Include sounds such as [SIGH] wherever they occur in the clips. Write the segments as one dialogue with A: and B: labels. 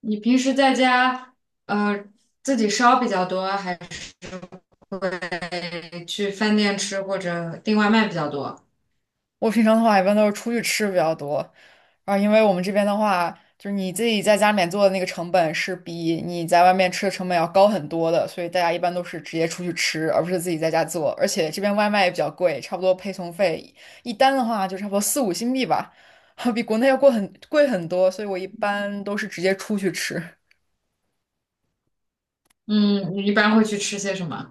A: 你平时在家呃自己烧比较多，还是去饭店吃或者订外卖比较多？
B: 我平常的话一般都是出去吃比较多，啊，因为我们这边的话，就是你自己在家里面做的那个成本是比你在外面吃的成本要高很多的，所以大家一般都是直接出去吃，而不是自己在家做。而且这边外卖也比较贵，差不多配送费一单的话就差不多四五新币吧，[LAUGHS] 比国内要贵很贵很多，所以我一般都是直接出去吃。
A: 嗯，你一般会去吃些什么？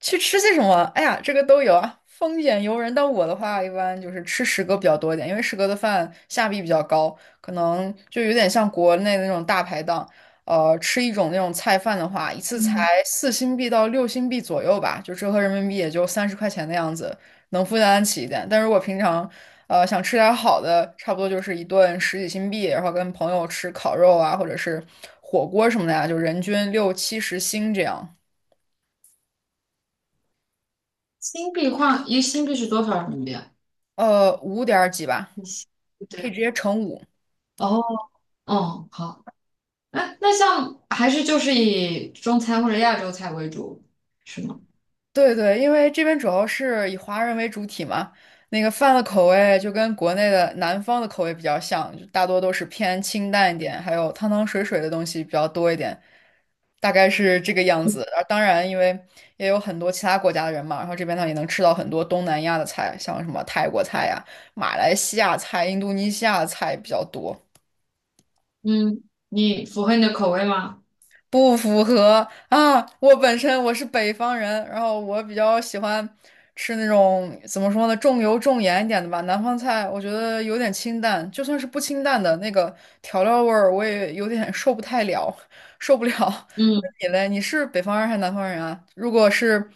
B: 去吃些什么？哎呀，这个都有啊，丰俭由人。但我的话，一般就是吃食阁比较多一点，因为食阁的饭下币比较高，可能就有点像国内的那种大排档。吃一种那种菜饭的话，一次才
A: 嗯，
B: 4新币到6新币左右吧，就折合人民币也就30块钱的样子，能负担得起一点。但如果平常，想吃点好的，差不多就是一顿十几新币，然后跟朋友吃烤肉啊，或者是火锅什么的呀、就人均六七十新这样。
A: 新币换一新币是多少人民币啊？
B: 五点儿几吧。
A: 一新
B: 可以直
A: 对。
B: 接乘五。
A: 哦，哦，好，那像还是就是以中餐或者亚洲菜为主，是吗？
B: 对对，因为这边主要是以华人为主体嘛，那个饭的口味就跟国内的南方的口味比较像，就大多都是偏清淡一点，还有汤汤水水的东西比较多一点，大概是这个样子。而当然，因为也有很多其他国家的人嘛，然后这边呢也能吃到很多东南亚的菜，像什么泰国菜呀、马来西亚菜、印度尼西亚菜比较多。
A: 嗯，你符合你的口味吗？
B: 不符合啊！我本身我是北方人，然后我比较喜欢吃那种怎么说呢，重油重盐一点的吧。南方菜我觉得有点清淡，就算是不清淡的那个调料味儿，我也有点 [LAUGHS] 受不太了，受不了。[LAUGHS] 那
A: 嗯
B: 你嘞？你是北方人还是南方人啊？如果是，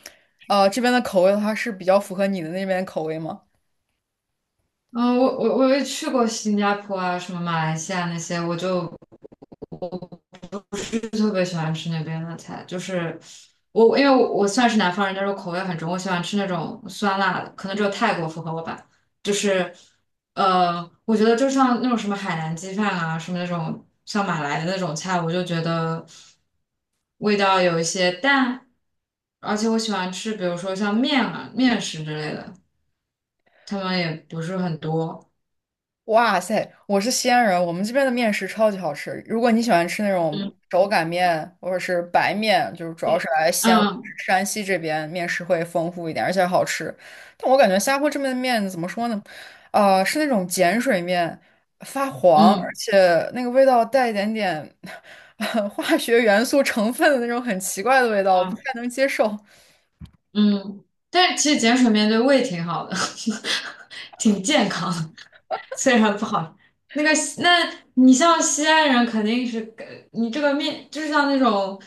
B: 这边的口味的话，是比较符合你的那边口味吗？
A: 嗯，我也去过新加坡啊，什么马来西亚那些，我就特别喜欢吃那边的菜，就是我，因为我算是南方人，但是我口味很重，我喜欢吃那种酸辣的，可能只有泰国符合我吧。就是我觉得就像那种什么海南鸡饭啊，什么那种像马来的那种菜，我就觉得味道有一些淡，而且我喜欢吃，比如说像面啊、面食之类的，他们也不是很多。
B: 哇塞，我是西安人，我们这边的面食超级好吃。如果你喜欢吃那种
A: 嗯，
B: 手擀面或者是白面，就是主要是来西安或者
A: 嗯
B: 是山西这边面食会丰富一点，而且好吃。但我感觉新加坡这边的面怎么说呢？是那种碱水面，发黄，而
A: 嗯
B: 且那个味道带一点点 [LAUGHS] 化学元素成分的那种很奇怪的味道，不太
A: 嗯。
B: 能接受。
A: 嗯，但是其实碱水面对胃挺好的，[LAUGHS] 挺健康的，虽然不好。那个你像西安人肯定是，你这个面就是像那种，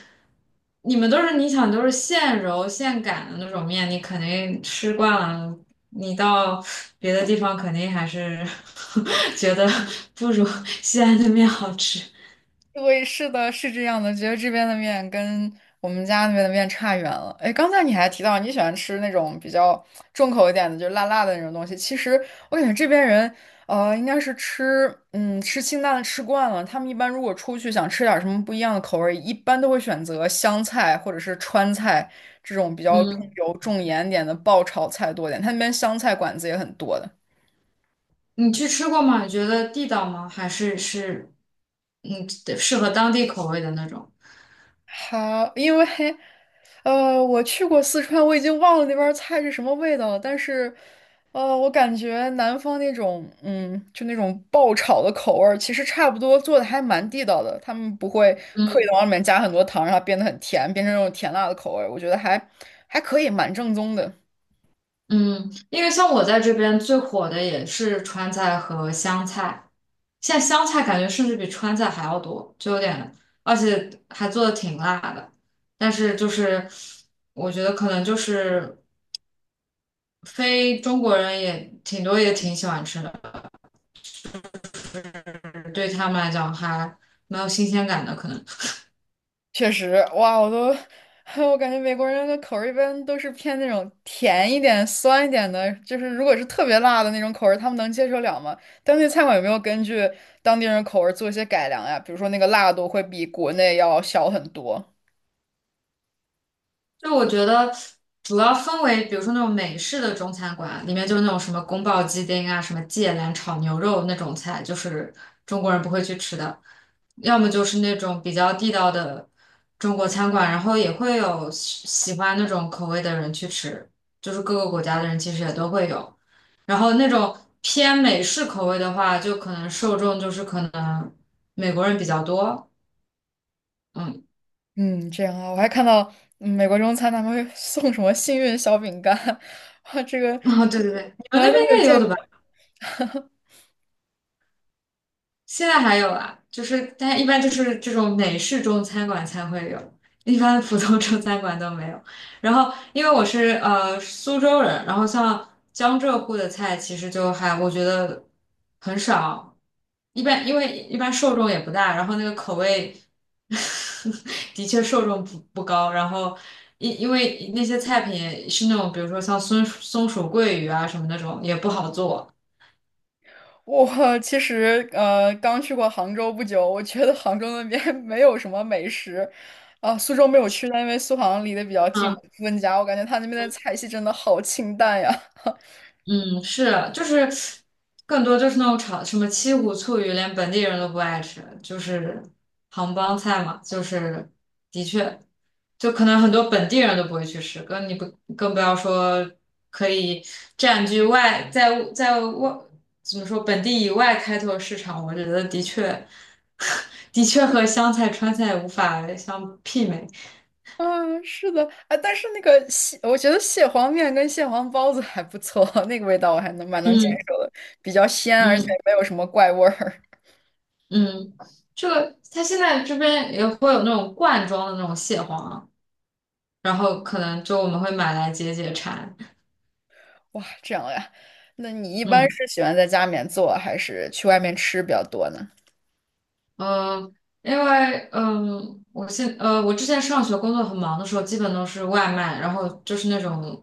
A: 你们都是都是现揉现擀的那种面，你肯定吃惯了，你到别的地方肯定还是 [LAUGHS] 觉得不如 [LAUGHS] 西安的面好吃。
B: 对，是的，是这样的，觉得这边的面跟我们家那边的面差远了。哎，刚才你还提到你喜欢吃那种比较重口一点的，就是辣辣的那种东西。其实我感觉这边人，应该是吃，吃清淡的吃惯了。他们一般如果出去想吃点什么不一样的口味，一般都会选择湘菜或者是川菜这种比较重
A: 嗯，
B: 油重盐点的爆炒菜多点。他那边湘菜馆子也很多的。
A: 你去吃过吗？你觉得地道吗？还是是，嗯，适合当地口味的那种？
B: 好，因为我去过四川，我已经忘了那边儿菜是什么味道了，但是我感觉南方那种嗯，就那种爆炒的口味儿其实差不多做的还蛮地道的，他们不会刻意的
A: 嗯
B: 往里面加很多糖，让它变得很甜，变成那种甜辣的口味儿我觉得还可以，蛮正宗的。
A: 嗯，因为像我在这边最火的也是川菜和湘菜，现在湘菜感觉甚至比川菜还要多，就有点，而且还做的挺辣的。但是就是我觉得可能就是非中国人也挺多也挺喜欢吃的，对他们来讲还蛮有新鲜感的，可能。
B: 确实，哇，我都，[LAUGHS] 我感觉美国人的口味一般都是偏那种甜一点、酸一点的，就是如果是特别辣的那种口味，他们能接受了吗？当地餐馆有没有根据当地人口味做一些改良呀？比如说那个辣度会比国内要小很多。
A: 就我觉得主要分为，比如说那种美式的中餐馆，里面就是那种什么宫保鸡丁啊、什么芥蓝炒牛肉那种菜，就是中国人不会去吃的；要么就是那种比较地道的中国餐馆，然后也会有喜欢那种口味的人去吃，就是各个国家的人其实也都会有。然后那种偏美式口味的话，就可能受众就是可能美国人比较多，嗯，
B: 嗯，这样啊，我还看到美国中餐他们会送什么幸运小饼干，[LAUGHS] 哇，这个
A: [LAUGHS] 哦，对对对，你们
B: 从来
A: 那边
B: 都没
A: 应
B: 有
A: 该也有的
B: 见。
A: 吧？现在还有啊，就是但一般就是这种美式中餐馆才会有，一般普通中餐馆都没有。然后因为我是苏州人，然后像江浙沪的菜其实就还我觉得很少，一般因为一般受众也不大，然后那个口味 [LAUGHS] 的确受众不高，然后。因为那些菜品也是那种，比如说像松鼠桂鱼啊什么那种，也不好做。
B: 我其实刚去过杭州不久，我觉得杭州那边 [LAUGHS] 没有什么美食，啊、苏州没有去，但因为苏杭离得比较近，
A: 嗯。
B: 我温家，我感觉他那边的菜系真的好清淡呀。[LAUGHS]
A: 嗯，是，就是更多就是那种炒什么七股醋鱼，连本地人都不爱吃，就是杭帮菜嘛，就是的确，就可能很多本地人都不会去吃，更不要说可以占据外在在外怎么说本地以外开拓市场，我觉得的确 [LAUGHS] 的确和湘菜川菜无法相媲美。
B: 啊，是的，啊，但是那个蟹，我觉得蟹黄面跟蟹黄包子还不错，[LAUGHS] 那个味道我还能蛮能接
A: 嗯
B: 受的，比较鲜，而且
A: 嗯。
B: 没有什么怪味儿。
A: 嗯，这个它现在这边也会有那种罐装的那种蟹黄，然后可能就我们会买来解解馋。
B: [LAUGHS] 哇，这样呀？那你一般
A: 嗯
B: 是喜欢在家里面做，还是去外面吃比较多呢？
A: 嗯，因为嗯，我之前上学工作很忙的时候，基本都是外卖，然后就是那种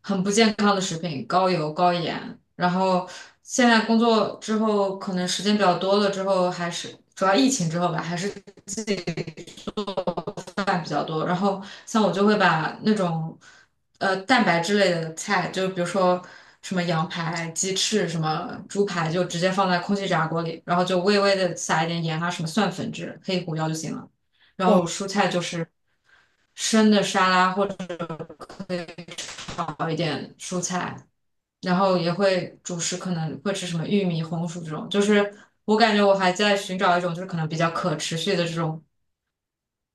A: 很不健康的食品，高油高盐。然后现在工作之后，可能时间比较多了之后，还是主要疫情之后吧，还是饭比较多，然后像我就会把那种蛋白质类的菜，就比如说什么羊排、鸡翅、什么猪排，就直接放在空气炸锅里，然后就微微的撒一点盐啊，什么蒜粉之类、黑胡椒就行了。然后
B: 哇。
A: 蔬菜就是生的沙拉或者可以炒一点蔬菜，然后也会主食可能会吃什么玉米、红薯这种，就是我感觉我还在寻找一种就是可能比较可持续的这种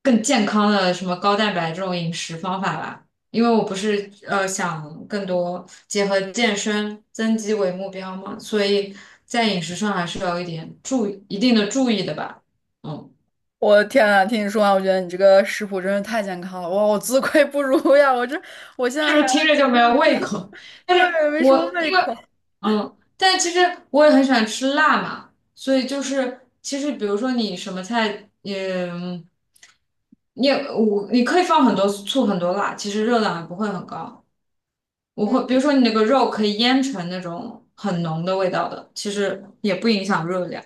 A: 更健康的什么高蛋白这种饮食方法吧。因为我不是想更多结合健身增肌为目标嘛，所以在饮食上还是要有一点注意的吧。嗯，
B: 我的天啊，听你说完，我觉得你这个食谱真是太健康了，哇，我自愧不如呀！我现
A: 是
B: 在
A: 不
B: 还
A: 是听着就没有胃口？但是
B: 对没什么
A: 我
B: 胃
A: 因为
B: 口。
A: 嗯，但其实我也很喜欢吃辣嘛，所以就是其实比如说你什么菜，嗯，你也我你可以放很多醋很多辣，其实热量也不会很高。我会，比
B: 嗯
A: 如说你那个肉可以腌成那种很浓的味道的，其实也不影响热量。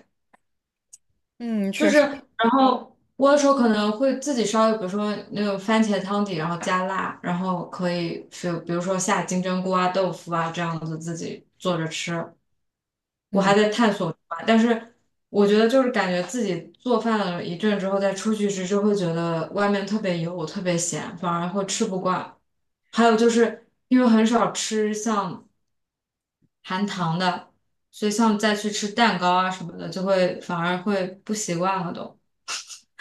B: 嗯，
A: 就
B: 确
A: 是，
B: 实，
A: 然后我有时候可能会自己烧，比如说那种番茄汤底，然后加辣，然后可以就比如说下金针菇啊、豆腐啊这样子自己做着吃。我还
B: 嗯。
A: 在探索吧但是我觉得就是感觉自己做饭了一阵之后再出去吃，就会觉得外面特别油、特别咸，反而会吃不惯。还有就是因为很少吃像。含糖的，所以像再去吃蛋糕啊什么的，就会反而会不习惯了都。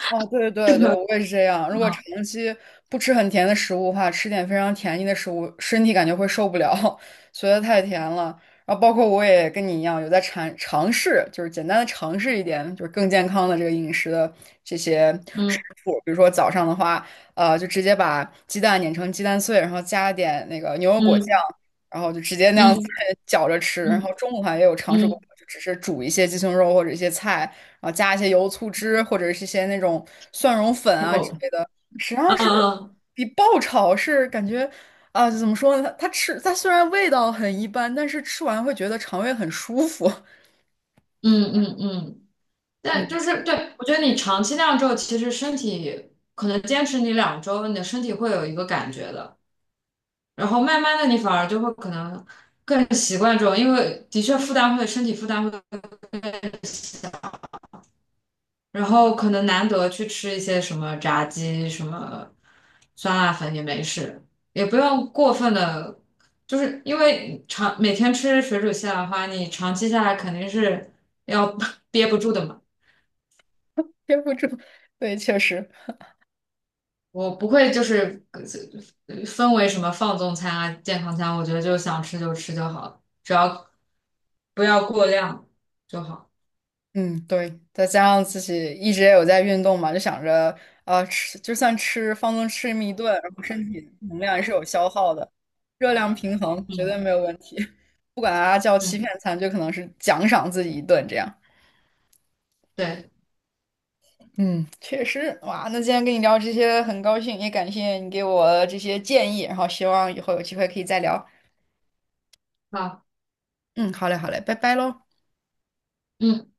B: 哦，对对
A: 这
B: 对，
A: 个，
B: 我也是这样。如果
A: 嗯
B: 长期不吃很甜的食物的话，吃点非常甜腻的食物，身体感觉会受不了，[LAUGHS] 觉得太甜了。然后包括我也跟你一样，有在尝试，就是简单的尝试一点，就是更健康的这个饮食的这些食
A: 嗯
B: 谱。比如说早上的话，就直接把鸡蛋碾成鸡蛋碎，然后加点那个牛油果酱，
A: 嗯
B: 然后就直接那样子
A: 嗯
B: [LAUGHS] 搅着吃。然后
A: 嗯
B: 中午的话也有尝试过，
A: 嗯，
B: 就只是煮一些鸡胸肉或者一些菜。然后加一些油醋汁或者是一些那种蒜蓉粉
A: 太
B: 啊
A: 够
B: 之
A: 了。
B: 类的，实际上
A: 嗯
B: 是
A: 嗯
B: 比爆炒是感觉啊，怎么说呢？它虽然味道很一般，但是吃完会觉得肠胃很舒服。[LAUGHS]
A: 嗯，但
B: 嗯，
A: 就是对，我觉得你长期那样之后，其实身体可能坚持你两周，你的身体会有一个感觉的，然后慢慢的你反而就会可能更习惯这种，因为的确负担会身体负担会。然后可能难得去吃一些什么炸鸡、什么酸辣粉也没事，也不用过分的，就是因为长每天吃水煮西兰花，你长期下来肯定是要 [LAUGHS] 憋不住的嘛。
B: 憋不住，对，确实，
A: 我不会就是分为什么放纵餐啊、健康餐，我觉得就想吃就吃就好了，只要不要过量就好。
B: 嗯，对，再加上自己一直也有在运动嘛，就想着啊，吃就算吃放纵吃这么一顿，然后身体能量也是有消耗的，热量平衡绝对
A: 嗯
B: 没有问题。[LAUGHS] 不管它叫欺骗
A: 嗯，
B: 餐，就可能是奖赏自己一顿这样。
A: 对，
B: 嗯，确实，哇，那今天跟你聊这些很高兴，也感谢你给我这些建议，然后希望以后有机会可以再聊。
A: 好。
B: 嗯，好嘞，好嘞，拜拜喽。
A: 嗯。